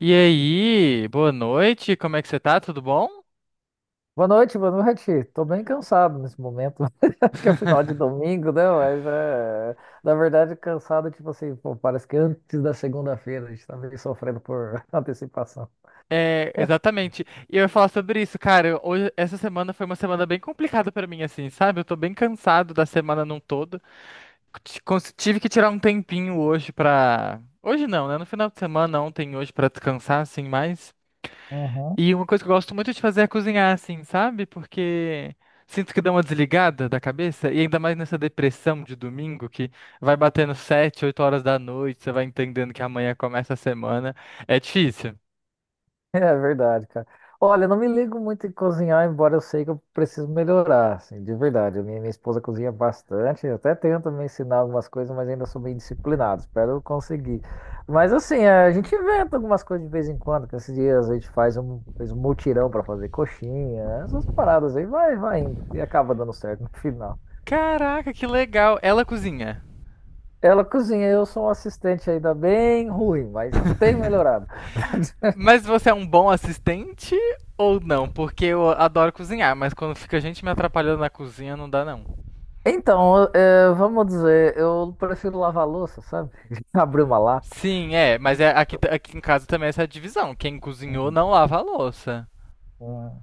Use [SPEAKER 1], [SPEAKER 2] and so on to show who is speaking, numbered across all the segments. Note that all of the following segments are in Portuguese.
[SPEAKER 1] E aí, boa noite, como é que você tá? Tudo bom?
[SPEAKER 2] Boa noite, boa noite. Tô bem cansado nesse momento. Acho que é final de domingo, né? Mas é. Na verdade, cansado, tipo assim, pô, parece que antes da segunda-feira a gente tá meio sofrendo por antecipação.
[SPEAKER 1] É, exatamente. E eu ia falar sobre isso, cara. Hoje, essa semana foi uma semana bem complicada pra mim, assim, sabe? Eu tô bem cansado da semana num todo. Tive que tirar um tempinho hoje pra. Hoje não, né? No final de semana, ontem, e hoje, pra descansar, assim, mais.
[SPEAKER 2] Uhum.
[SPEAKER 1] E uma coisa que eu gosto muito de fazer é cozinhar, assim, sabe? Porque sinto que dá uma desligada da cabeça, e ainda mais nessa depressão de domingo, que vai batendo 7, 8 horas da noite, você vai entendendo que amanhã começa a semana. É difícil.
[SPEAKER 2] É verdade, cara. Olha, eu não me ligo muito em cozinhar, embora eu sei que eu preciso melhorar, assim, de verdade. A minha esposa cozinha bastante, eu até tento me ensinar algumas coisas, mas ainda sou meio indisciplinado, espero eu conseguir. Mas assim, a gente inventa algumas coisas de vez em quando, que esses dias a gente fez um mutirão para fazer coxinha, essas paradas aí, vai indo, e acaba dando certo no final.
[SPEAKER 1] Caraca, que legal! Ela cozinha.
[SPEAKER 2] Ela cozinha, eu sou um assistente ainda bem ruim, mas tem melhorado.
[SPEAKER 1] Mas você é um bom assistente ou não? Porque eu adoro cozinhar, mas quando fica gente me atrapalhando na cozinha, não dá não.
[SPEAKER 2] Então, vamos dizer, eu prefiro lavar a louça, sabe? Abrir uma lata.
[SPEAKER 1] Sim, é, mas é, aqui em casa também é essa divisão. Quem cozinhou
[SPEAKER 2] Hum,
[SPEAKER 1] não lava a louça.
[SPEAKER 2] hum.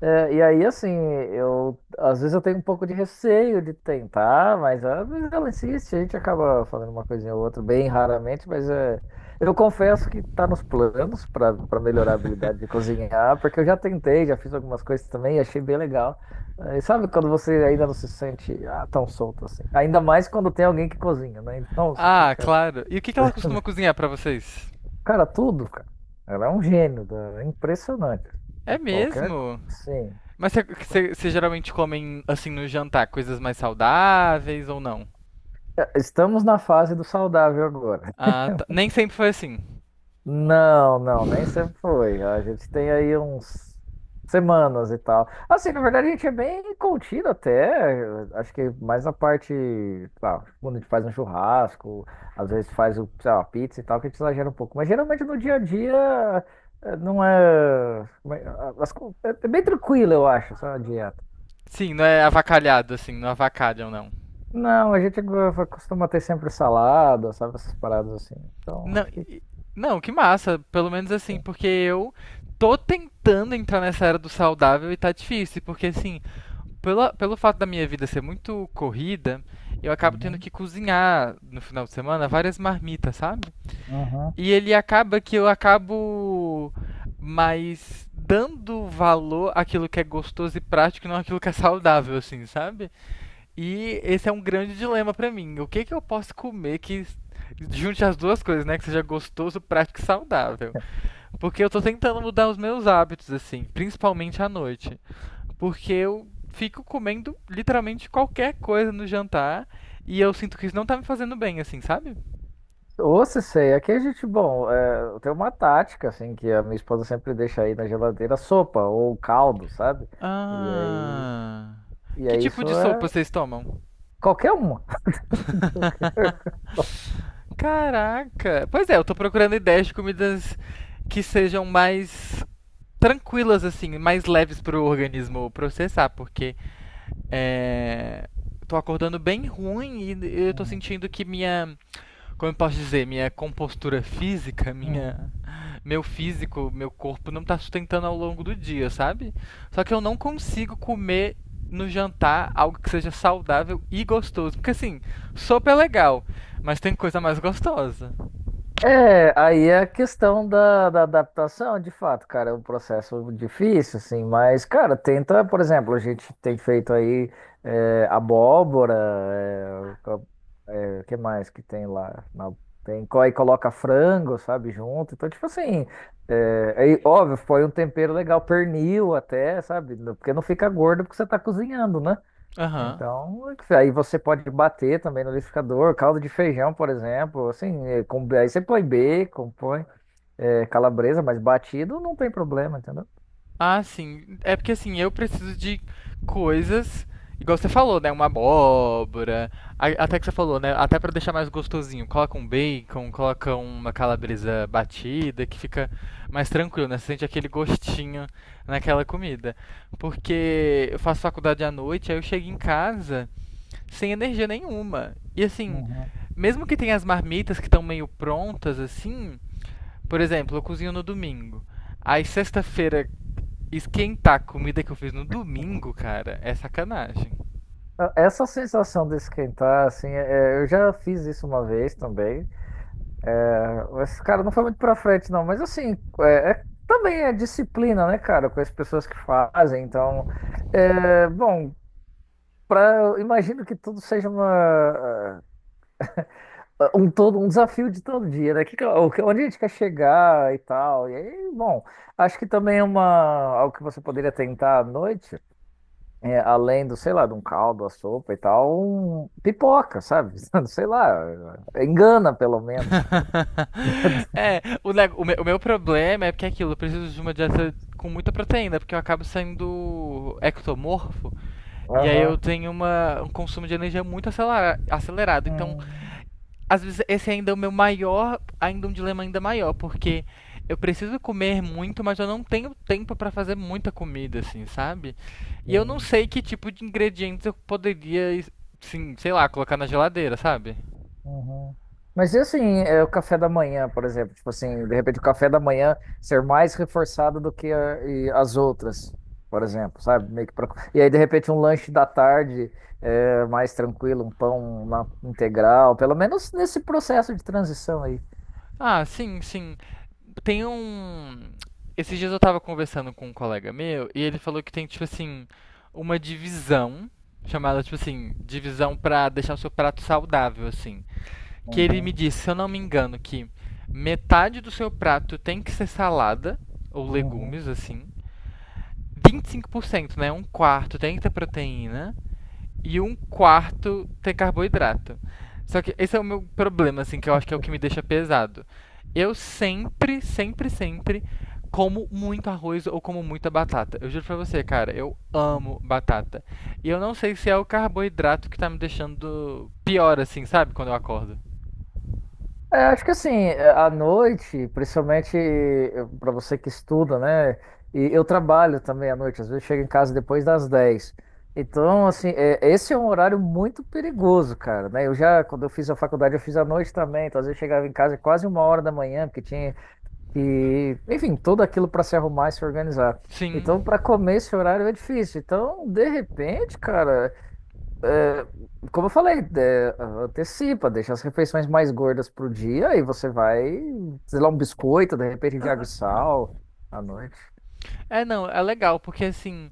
[SPEAKER 2] E aí, assim, eu às vezes eu tenho um pouco de receio de tentar, mas às vezes ela insiste, a gente acaba fazendo uma coisinha ou outra, bem raramente, mas é, eu confesso que tá nos planos para melhorar a habilidade de cozinhar, porque eu já tentei, já fiz algumas coisas também e achei bem legal. É. E sabe quando você ainda não se sente tão solto assim? Ainda mais quando tem alguém que cozinha, né? Então você
[SPEAKER 1] Ah,
[SPEAKER 2] fica.
[SPEAKER 1] claro. E o que que ela costuma cozinhar pra vocês?
[SPEAKER 2] Cara, tudo, cara. Ela é um gênio, é impressionante.
[SPEAKER 1] É
[SPEAKER 2] Qualquer coisa.
[SPEAKER 1] mesmo?
[SPEAKER 2] Sim.
[SPEAKER 1] Mas vocês geralmente comem, assim, no jantar, coisas mais saudáveis ou não?
[SPEAKER 2] É, Estamos na fase do saudável agora.
[SPEAKER 1] Ah, tá. Nem sempre foi assim.
[SPEAKER 2] Não, não, nem sempre foi. A gente tem aí uns semanas e tal. Assim, na verdade, a gente é bem contido até. Acho que mais na parte, sei lá, quando a gente faz um churrasco, às vezes faz o, sei lá, uma pizza e tal, que a gente exagera um pouco. Mas geralmente no dia a dia não é. Como é- as co- É bem tranquilo, eu acho, essa dieta.
[SPEAKER 1] Sim, não é avacalhado, assim, não avacalham, não.
[SPEAKER 2] Não, a gente costuma ter sempre salada, sabe? Essas paradas assim. Então,
[SPEAKER 1] Não,
[SPEAKER 2] acho que
[SPEAKER 1] e- não, que massa. Pelo menos assim,
[SPEAKER 2] tem.
[SPEAKER 1] porque eu tô tentando entrar nessa era do saudável e tá difícil. Porque, assim, pelo fato da minha vida ser muito corrida, eu acabo tendo
[SPEAKER 2] Uhum,
[SPEAKER 1] que cozinhar no final de semana várias marmitas, sabe?
[SPEAKER 2] uhum.
[SPEAKER 1] E ele acaba que eu acabo mais dando valor àquilo que é gostoso e prático, e não àquilo que é saudável, assim, sabe? E esse é um grande dilema pra mim. O que que eu posso comer que junte as duas coisas, né? Que seja gostoso, prático e saudável. Porque eu tô tentando mudar os meus hábitos, assim, principalmente à noite. Porque eu fico comendo literalmente qualquer coisa no jantar e eu sinto que isso não tá me fazendo bem, assim, sabe?
[SPEAKER 2] Ou se sei, aqui a gente, bom, tem uma tática, assim, que a minha esposa sempre deixa aí na geladeira sopa ou caldo, sabe? E aí,
[SPEAKER 1] Ah.
[SPEAKER 2] e
[SPEAKER 1] Que
[SPEAKER 2] aí
[SPEAKER 1] tipo
[SPEAKER 2] isso
[SPEAKER 1] de sopa
[SPEAKER 2] é
[SPEAKER 1] vocês tomam?
[SPEAKER 2] qualquer uma. Qualquer.
[SPEAKER 1] Caraca! Pois é, eu tô procurando ideias de comidas que sejam mais tranquilas, assim, mais leves pro organismo processar, porque é. Tô acordando bem ruim e eu tô
[SPEAKER 2] Uhum,
[SPEAKER 1] sentindo que minha como eu posso dizer, minha compostura física,
[SPEAKER 2] uhum.
[SPEAKER 1] minha, meu físico, meu corpo não tá sustentando ao longo do dia, sabe? Só que eu não consigo comer no jantar algo que seja saudável e gostoso. Porque assim, sopa é legal, mas tem coisa mais gostosa.
[SPEAKER 2] É, aí é a questão da adaptação, de fato, cara, é um processo difícil, assim, mas, cara, tenta, por exemplo, a gente tem feito aí abóbora, que mais que tem lá? Tem, aí coloca frango, sabe, junto, então, tipo assim, aí, óbvio, foi um tempero legal, pernil até, sabe, porque não fica gordo porque você tá cozinhando, né?
[SPEAKER 1] Aham.
[SPEAKER 2] Então, aí você pode bater também no liquidificador, caldo de feijão, por exemplo, assim, aí você põe bacon, põe calabresa, mas batido não tem problema, entendeu?
[SPEAKER 1] Ah, sim. É porque assim, eu preciso de coisas, igual você falou, né? Uma abóbora. Até que você falou, né? Até pra deixar mais gostosinho. Coloca um bacon, coloca uma calabresa batida, que fica mais tranquilo, né? Você sente aquele gostinho naquela comida. Porque eu faço faculdade à noite, aí eu chego em casa sem energia nenhuma. E assim,
[SPEAKER 2] Uhum.
[SPEAKER 1] mesmo que tenha as marmitas que estão meio prontas, assim, por exemplo, eu cozinho no domingo. Aí sexta-feira esquentar a comida que eu fiz no domingo, cara, é sacanagem.
[SPEAKER 2] Ah, essa sensação de esquentar, assim, eu já fiz isso uma vez também. É, esse cara não foi muito pra frente, não, mas assim, também é disciplina, né, cara, com as pessoas que fazem. Então, bom, Pra, eu imagino que tudo seja um todo, um desafio de todo dia, né? Onde a gente quer chegar e tal. E aí, bom, acho que também é algo que você poderia tentar à noite, além do, sei lá, de um caldo, a sopa e tal, pipoca, sabe? Sei lá, engana pelo menos.
[SPEAKER 1] É, o, neg- o, me- o meu problema é porque é aquilo, eu preciso de uma dieta com muita proteína, porque eu acabo sendo ectomorfo, e aí
[SPEAKER 2] Aham.
[SPEAKER 1] eu tenho uma, um consumo de energia muito acelerado. Então,
[SPEAKER 2] Hum,
[SPEAKER 1] às vezes esse ainda é o meu maior, ainda um dilema ainda maior, porque eu preciso comer muito, mas eu não tenho tempo para fazer muita comida, assim, sabe? E eu não
[SPEAKER 2] sim.
[SPEAKER 1] sei que tipo de ingredientes eu poderia, sim, sei lá, colocar na geladeira, sabe?
[SPEAKER 2] Uhum. Mas e assim, é o café da manhã, por exemplo, tipo assim, de repente o café da manhã ser mais reforçado do que e as outras, por exemplo, sabe? Meio que pra... E aí, de repente, um lanche da tarde mais tranquilo, um pão uma integral, pelo menos nesse processo de transição aí.
[SPEAKER 1] Ah, sim. Tem um. Esses dias eu tava conversando com um colega meu e ele falou que tem, tipo assim, uma divisão, chamada, tipo assim, divisão pra deixar o seu prato saudável, assim. Que ele
[SPEAKER 2] Uhum,
[SPEAKER 1] me disse, se eu não me engano, que metade do seu prato tem que ser salada ou
[SPEAKER 2] uhum,
[SPEAKER 1] legumes, assim. 25%, né? Um quarto tem que ter proteína e um quarto ter carboidrato. Só que esse é o meu problema, assim, que eu acho que é o que me deixa pesado. Eu sempre como muito arroz ou como muita batata. Eu juro pra você, cara, eu
[SPEAKER 2] uhum.
[SPEAKER 1] amo batata. E eu não sei se é o carboidrato que tá me deixando pior, assim, sabe? Quando eu acordo.
[SPEAKER 2] É, acho que assim, à noite, principalmente para você que estuda, né? E eu trabalho também à noite, às vezes chego em casa depois das 10. Então, assim, esse é um horário muito perigoso, cara, né? Eu já, quando eu fiz a faculdade, eu fiz à noite também, então às vezes eu chegava em casa quase uma hora da manhã, porque tinha que, enfim, tudo aquilo para se arrumar e se organizar.
[SPEAKER 1] Sim,
[SPEAKER 2] Então, para comer esse horário é difícil. Então, de repente, cara é, como eu falei, antecipa, deixa as refeições mais gordas pro dia e você vai, sei lá, um biscoito, de repente, de água e sal à noite.
[SPEAKER 1] é, não, é legal, porque assim,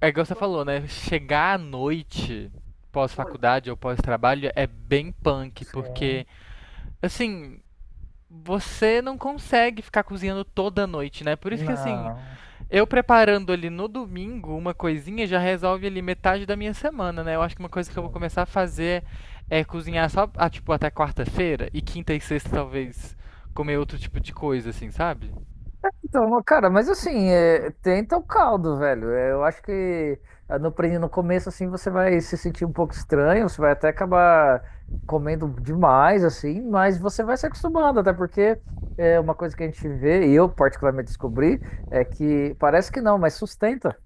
[SPEAKER 1] é igual você falou, né? Chegar à noite pós-faculdade ou pós-trabalho é bem punk, porque,
[SPEAKER 2] Sim,
[SPEAKER 1] assim, você não consegue ficar cozinhando toda noite, né? Por isso que, assim,
[SPEAKER 2] não.
[SPEAKER 1] eu preparando ali no domingo uma coisinha já resolve ali metade da minha semana, né? Eu acho que uma coisa que eu vou
[SPEAKER 2] É.
[SPEAKER 1] começar a fazer é cozinhar só, ah, tipo, até quarta-feira e quinta e sexta talvez comer outro tipo de coisa, assim, sabe?
[SPEAKER 2] Então, cara, mas assim, tenta o caldo, velho. É, Eu acho que no começo, assim, você vai se sentir um pouco estranho, você vai até acabar comendo demais, assim, mas você vai se acostumando, até porque é uma coisa que a gente vê, e eu particularmente descobri, é que parece que não, mas sustenta,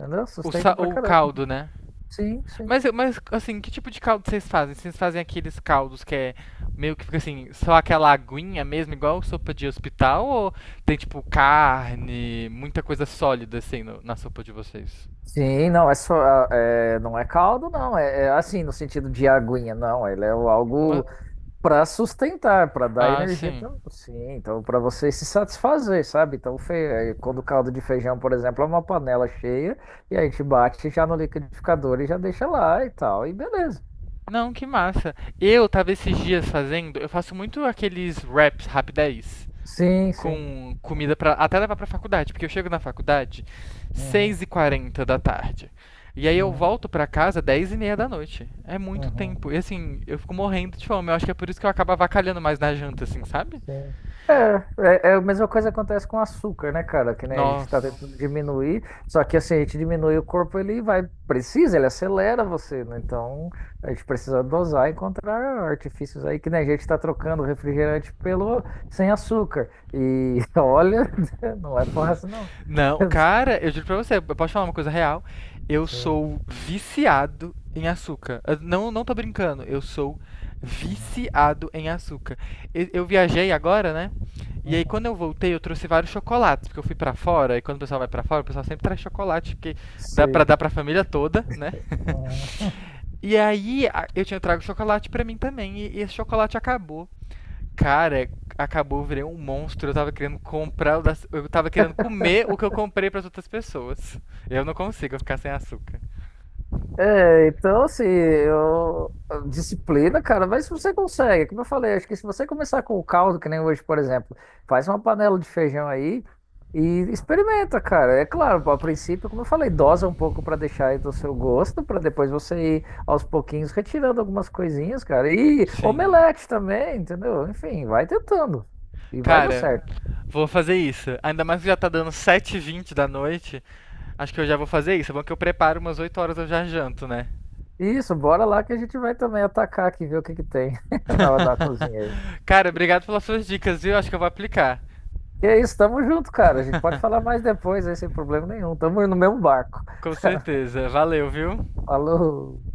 [SPEAKER 2] entendeu?
[SPEAKER 1] O,
[SPEAKER 2] Sustenta
[SPEAKER 1] sa-
[SPEAKER 2] pra
[SPEAKER 1] o
[SPEAKER 2] caramba.
[SPEAKER 1] caldo, né?
[SPEAKER 2] Sim, sim.
[SPEAKER 1] Mas, mas, assim, que tipo de caldo vocês fazem? Vocês fazem aqueles caldos que é meio que fica assim, só aquela aguinha mesmo, igual sopa de hospital? Ou tem, tipo, carne, muita coisa sólida, assim, na sopa de vocês?
[SPEAKER 2] Sim, não, é só, não é caldo, não. É assim, no sentido de aguinha, não. Ele é
[SPEAKER 1] Uma.
[SPEAKER 2] algo. Para sustentar, para dar
[SPEAKER 1] Ah,
[SPEAKER 2] energia,
[SPEAKER 1] sim.
[SPEAKER 2] sim, então para você se satisfazer, sabe? Então, quando o caldo de feijão, por exemplo, é uma panela cheia e a gente bate já no liquidificador e já deixa lá e tal, e beleza.
[SPEAKER 1] Não, que massa. Eu tava esses dias fazendo, eu faço muito aqueles wraps rapidez.
[SPEAKER 2] Sim, sim.
[SPEAKER 1] Com comida para até levar pra faculdade, porque eu chego na faculdade
[SPEAKER 2] Uhum,
[SPEAKER 1] 6h40 da tarde. E aí eu
[SPEAKER 2] uhum,
[SPEAKER 1] volto pra casa 22h30 da noite. É muito
[SPEAKER 2] uhum.
[SPEAKER 1] tempo. E assim, eu fico morrendo de fome. Eu acho que é por isso que eu acabo avacalhando mais na janta, assim, sabe?
[SPEAKER 2] Sim. É, É a mesma coisa que acontece com o açúcar, né, cara? Que né, a gente está
[SPEAKER 1] Nossa.
[SPEAKER 2] tentando diminuir, só que assim, a gente diminui o corpo, ele vai, precisa, ele acelera você, né? Então, a gente precisa dosar e encontrar artifícios aí que né, a gente está trocando o refrigerante pelo sem açúcar. E olha, não é fácil, não.
[SPEAKER 1] Não, cara, eu juro pra você, eu posso falar uma coisa real? Eu
[SPEAKER 2] Sim.
[SPEAKER 1] sou viciado em açúcar. Eu Não, não tô brincando, eu sou
[SPEAKER 2] Uhum.
[SPEAKER 1] viciado em açúcar. Eu viajei agora, né? E aí
[SPEAKER 2] Uhum.
[SPEAKER 1] quando eu voltei, eu trouxe vários chocolates, porque eu fui pra fora, e quando o pessoal vai pra fora, o pessoal sempre traz chocolate, porque dá pra dar
[SPEAKER 2] Sim.
[SPEAKER 1] pra família toda, né?
[SPEAKER 2] Uhum.
[SPEAKER 1] Eu tinha trago chocolate pra mim também, e esse chocolate acabou. Cara, acabou, eu virei um monstro. Eu tava querendo comer o que eu comprei pras outras pessoas. Eu não consigo ficar sem açúcar.
[SPEAKER 2] É, então assim, eu... a disciplina, cara, mas você consegue, como eu falei, acho que se você começar com o caldo, que nem hoje, por exemplo, faz uma panela de feijão aí e experimenta, cara. É claro, a princípio, como eu falei, dosa um pouco pra deixar aí do seu gosto, pra depois você ir aos pouquinhos retirando algumas coisinhas, cara. E
[SPEAKER 1] Sim.
[SPEAKER 2] omelete também, entendeu? Enfim, vai tentando e vai dar
[SPEAKER 1] Cara,
[SPEAKER 2] certo.
[SPEAKER 1] vou fazer isso. Ainda mais que já tá dando sete h 20 da noite. Acho que eu já vou fazer isso. É bom que eu preparo umas 8 horas, eu já janto, né?
[SPEAKER 2] Isso, bora lá que a gente vai também atacar aqui, ver o que que tem na cozinha. Aí.
[SPEAKER 1] Cara, obrigado pelas suas dicas, viu? Acho que eu vou aplicar.
[SPEAKER 2] E é isso, tamo junto, cara. A gente pode falar mais depois, aí sem problema nenhum. Tamo no mesmo barco.
[SPEAKER 1] Com certeza. Valeu, viu?
[SPEAKER 2] Falou.